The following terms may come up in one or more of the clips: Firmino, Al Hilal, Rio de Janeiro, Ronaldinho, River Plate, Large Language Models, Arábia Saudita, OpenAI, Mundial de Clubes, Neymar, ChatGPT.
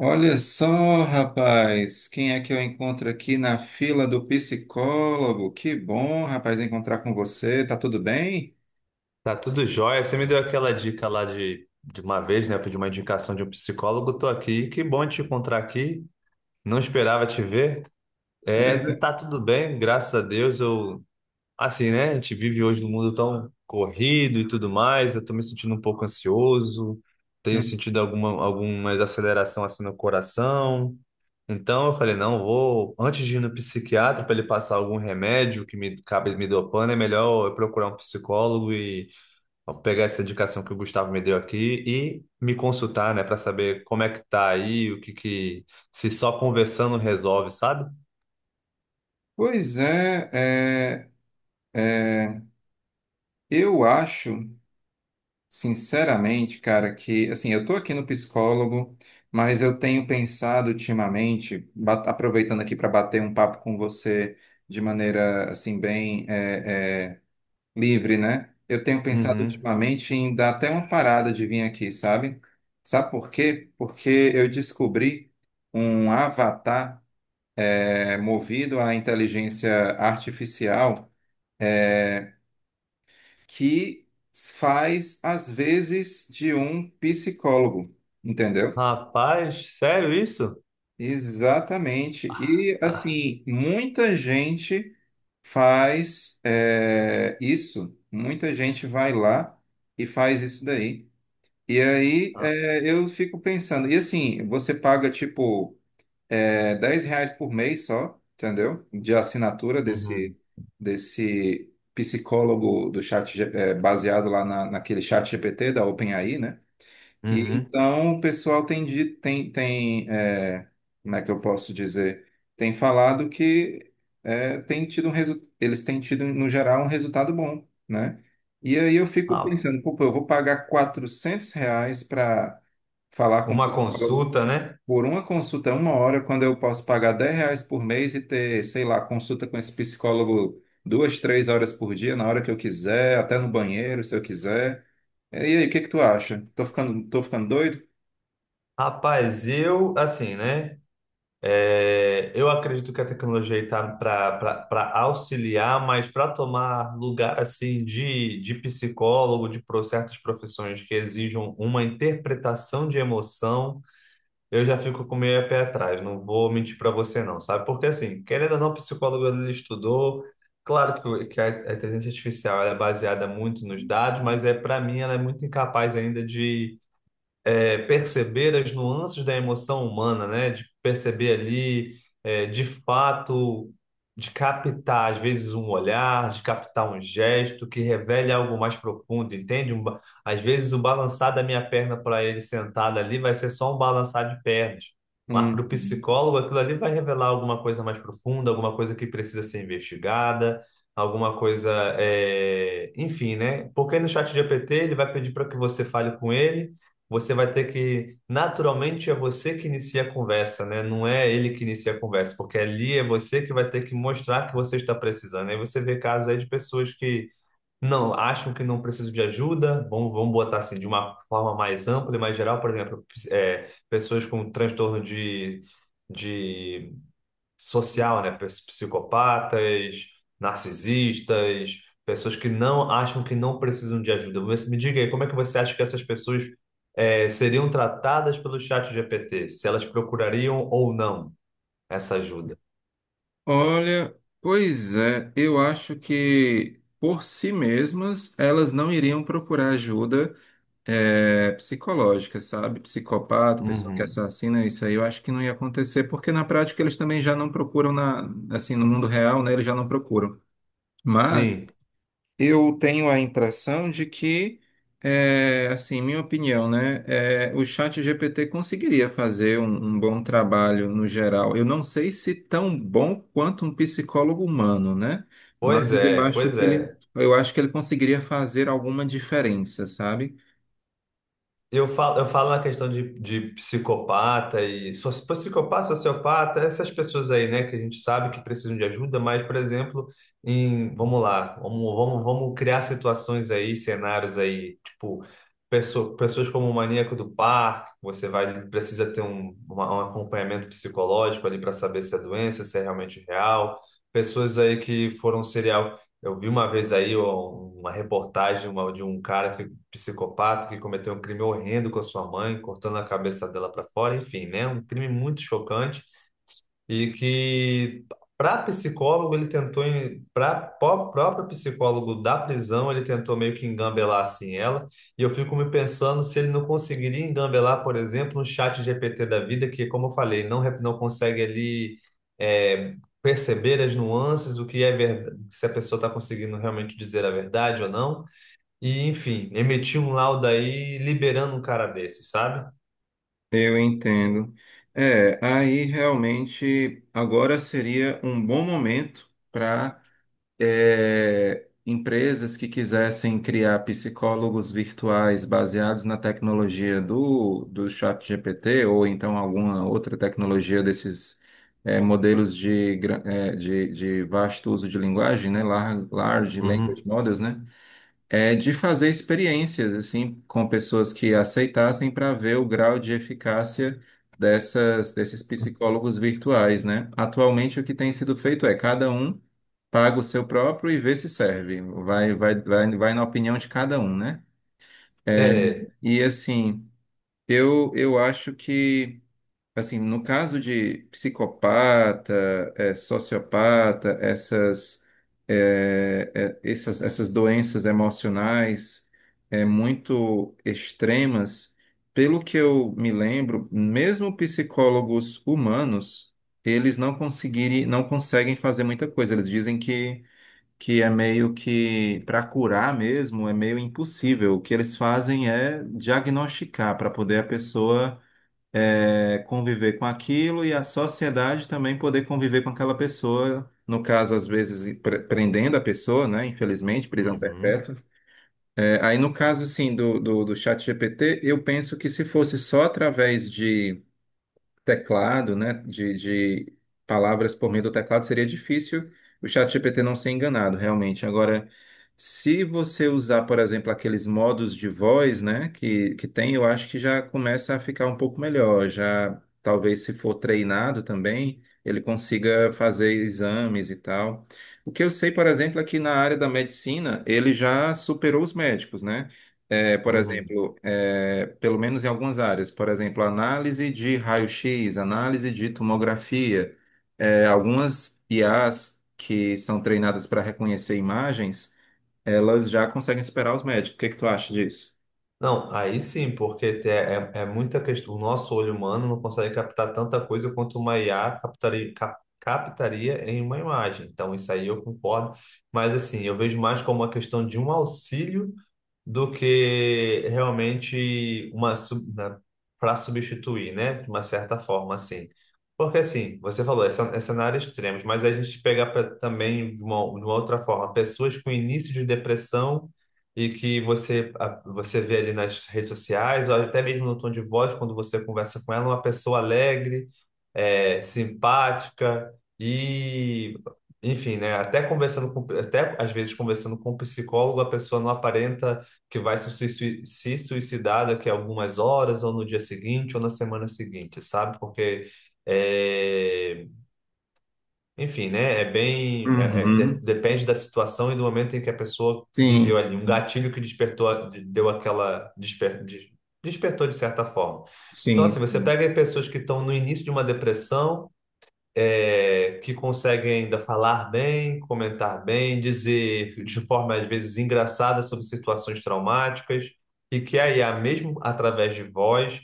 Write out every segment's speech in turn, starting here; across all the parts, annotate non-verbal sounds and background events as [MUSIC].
Olha só, rapaz, quem é que eu encontro aqui na fila do psicólogo? Que bom, rapaz, encontrar com você. Tá tudo bem? Tá tudo jóia. Você me deu aquela dica lá de uma vez, né? Eu pedi uma indicação de um psicólogo. Tô aqui. Que bom te encontrar aqui. Não esperava te ver. Era É, ve- tá tudo bem, graças a Deus. Eu, assim, né? A gente vive hoje num mundo tão corrido e tudo mais. Eu tô me sentindo um pouco ansioso. Tenho Hum. sentido alguma aceleração assim no coração. Então eu falei, não, vou, antes de ir no psiquiatra para ele passar algum remédio que me acabe me dopando, é melhor eu procurar um psicólogo e vou pegar essa indicação que o Gustavo me deu aqui e me consultar, né, para saber como é que tá aí, o que que se só conversando resolve, sabe? Pois é, eu acho, sinceramente, cara, que assim, eu tô aqui no psicólogo, mas eu tenho pensado ultimamente, aproveitando aqui para bater um papo com você de maneira assim bem livre, né? Eu tenho pensado Uhum. ultimamente em dar até uma parada de vir aqui, sabe? Sabe por quê? Porque eu descobri um avatar movido à inteligência artificial que faz, às vezes, de um psicólogo, entendeu? Rapaz, sério isso? Exatamente. E, Ah, assim, muita gente faz isso. Muita gente vai lá e faz isso daí. E aí ah, eu fico pensando, e assim, você paga tipo 10 reais por mês só, entendeu? De assinatura desse, uhum, desse psicólogo do chat, baseado lá na, naquele chat GPT da OpenAI, né? E uhum. então o pessoal tem, como é que eu posso dizer? Tem falado que tem tido um resu- eles têm tido, no geral, um resultado bom, né? E aí eu fico Ah, pensando, pô, pô, eu vou pagar 400 reais para falar com o uma psicólogo consulta, né? por uma consulta, uma hora, quando eu posso pagar 10 reais por mês e ter, sei lá, consulta com esse psicólogo duas, três horas por dia, na hora que eu quiser, até no banheiro, se eu quiser. E aí, o que que tu acha? Tô ficando doido? Rapaz, eu assim, né? É, eu acredito que a tecnologia está para auxiliar, mas para tomar lugar assim de psicólogo, de certas profissões que exijam uma interpretação de emoção, eu já fico com meio a pé atrás, não vou mentir para você não, sabe? Porque assim, querendo ou não, o psicólogo ele estudou, claro que, que a inteligência artificial ela é baseada muito nos dados, mas é para mim ela é muito incapaz ainda perceber as nuances da emoção humana, né? De perceber ali, é, de fato, de captar, às vezes, um olhar, de captar um gesto que revele algo mais profundo, entende? Às vezes, o balançar da minha perna para ele sentado ali vai ser só um balançar de pernas. Mas para Hum. o psicólogo, aquilo ali vai revelar alguma coisa mais profunda, alguma coisa que precisa ser investigada, alguma coisa, é, enfim, né? Porque no chat GPT ele vai pedir para que você fale com ele. Você vai ter que, naturalmente é você que inicia a conversa, né? Não é ele que inicia a conversa, porque ali é você que vai ter que mostrar que você está precisando. Aí você vê casos aí de pessoas que não acham que não precisam de ajuda, vamos botar assim, de uma forma mais ampla e mais geral, por exemplo, é, pessoas com transtorno de social, né? Psicopatas, narcisistas, pessoas que não acham que não precisam de ajuda. Você me diga aí, como é que você acha que essas pessoas seriam tratadas pelo chat GPT? Se elas procurariam ou não essa ajuda? Olha, pois é, eu acho que por si mesmas elas não iriam procurar ajuda psicológica, sabe? Psicopata, pessoa que Uhum. assassina, isso aí eu acho que não ia acontecer, porque na prática eles também já não procuram assim, no mundo real, né? Eles já não procuram. Mas Sim. eu tenho a impressão de que, assim, minha opinião, né? É, o chat GPT conseguiria fazer um bom trabalho no geral. Eu não sei se tão bom quanto um psicólogo humano, né? Mas Pois eu é, acho pois que ele, é. eu acho que ele conseguiria fazer alguma diferença, sabe? Eu falo na questão de, psicopata, sociopata, essas pessoas aí, né, que a gente sabe que precisam de ajuda, mas, por exemplo, em, vamos lá, vamos criar situações aí, cenários aí, tipo, pessoas como o maníaco do parque, você vai, precisa ter um acompanhamento psicológico ali para saber se é doença, se é realmente real, pessoas aí que foram um serial. Eu vi uma vez aí ó, uma reportagem de um cara que psicopata que cometeu um crime horrendo com a sua mãe, cortando a cabeça dela para fora, enfim, né? Um crime muito chocante e que para psicólogo ele tentou, para próprio psicólogo da prisão, ele tentou meio que engambelar assim ela, e eu fico me pensando se ele não conseguiria engambelar, por exemplo, no chat GPT da vida, que como eu falei, não consegue ali é, perceber as nuances, o que é verdade, se a pessoa está conseguindo realmente dizer a verdade ou não. E, enfim, emitiu um laudo aí liberando um cara desse, sabe? Eu entendo. É, aí realmente agora seria um bom momento para empresas que quisessem criar psicólogos virtuais baseados na tecnologia do chat GPT ou então alguma outra tecnologia desses modelos de vasto uso de linguagem, né? Large Language Uhum. Models, né? De fazer experiências assim com pessoas que aceitassem para ver o grau de eficácia dessas desses psicólogos virtuais, né? Atualmente o que tem sido feito é cada um paga o seu próprio e vê se serve. Vai na opinião de cada um, né? É. E assim, eu acho que, assim, no caso de psicopata, sociopata, essas doenças emocionais muito extremas, pelo que eu me lembro, mesmo psicólogos humanos, eles não conseguem fazer muita coisa. Eles dizem que é meio que, para curar mesmo, é meio impossível. O que eles fazem é diagnosticar para poder a pessoa conviver com aquilo e a sociedade também poder conviver com aquela pessoa, no caso, às vezes, prendendo a pessoa, né? Infelizmente, prisão Uhum. perpétua. É, aí, no caso, assim, do chat GPT, eu penso que se fosse só através de teclado, né, de palavras por meio do teclado, seria difícil o ChatGPT não ser enganado, realmente. Agora, se você usar, por exemplo, aqueles modos de voz, né, que tem, eu acho que já começa a ficar um pouco melhor. Já, talvez, se for treinado também, ele consiga fazer exames e tal. O que eu sei, por exemplo, é que na área da medicina, ele já superou os médicos, né? É, por Uhum. exemplo, pelo menos em algumas áreas, por exemplo, análise de raio-x, análise de tomografia, algumas IAs que são treinadas para reconhecer imagens, elas já conseguem superar os médicos. O que que tu acha disso? Não, aí sim, porque é, é muita questão. O nosso olho humano não consegue captar tanta coisa quanto uma IA captaria, captaria em uma imagem. Então, isso aí eu concordo. Mas, assim, eu vejo mais como uma questão de um auxílio do que realmente uma para substituir, né? De uma certa forma, assim. Porque assim, você falou, é cenários extremos, mas a gente pegar também de uma outra forma, pessoas com início de depressão e que você você vê ali nas redes sociais, ou até mesmo no tom de voz, quando você conversa com ela, uma pessoa alegre, é, simpática e enfim, né? Até conversando com, até às vezes conversando com um psicólogo, a pessoa não aparenta que vai se suicidar daqui a algumas horas, ou no dia seguinte, ou na semana seguinte, sabe? Porque, é, enfim, né? É bem. Uhum. Depende da situação e do momento em que a pessoa Sim, viveu ali. Um gatilho que despertou, deu aquela. Despertou de certa forma. Então, sim. assim, você pega aí pessoas que estão no início de uma depressão é, que conseguem ainda falar bem, comentar bem, dizer de forma às vezes engraçada sobre situações traumáticas, e que a IA, mesmo através de voz,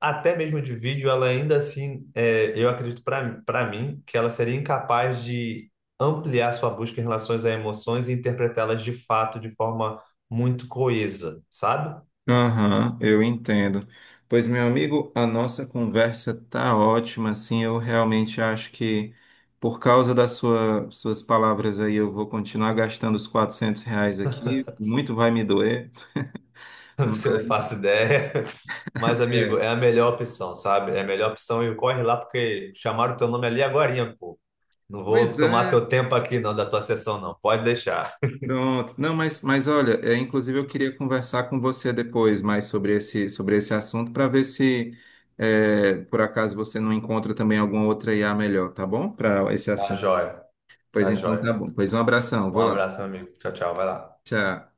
até mesmo de vídeo, ela ainda assim, é, eu acredito para mim, que ela seria incapaz de ampliar sua busca em relação a emoções e interpretá-las de fato de forma muito coesa, sabe? Aham, eu entendo. Pois, meu amigo, a nossa conversa tá ótima, assim, eu realmente acho que por causa das suas palavras aí, eu vou continuar gastando os 400 reais aqui, muito vai me doer, [LAUGHS] Você mas... faço ideia. Mas, amigo, é a melhor opção, sabe? É a melhor opção e corre lá porque chamaram teu nome ali agorinha, pô. Não vou Pois tomar é, teu tempo aqui, não, da tua sessão, não. Pode deixar. pronto. Não, mas olha, é, inclusive eu queria conversar com você depois mais sobre esse assunto para ver se, por acaso, você não encontra também alguma outra IA melhor, tá bom? Para esse Tá assunto. jóia, Pois tá então, tá jóia. bom. Pois um abração, Um vou lá. abraço, meu amigo. Tchau, tchau. Vai lá. Tchau.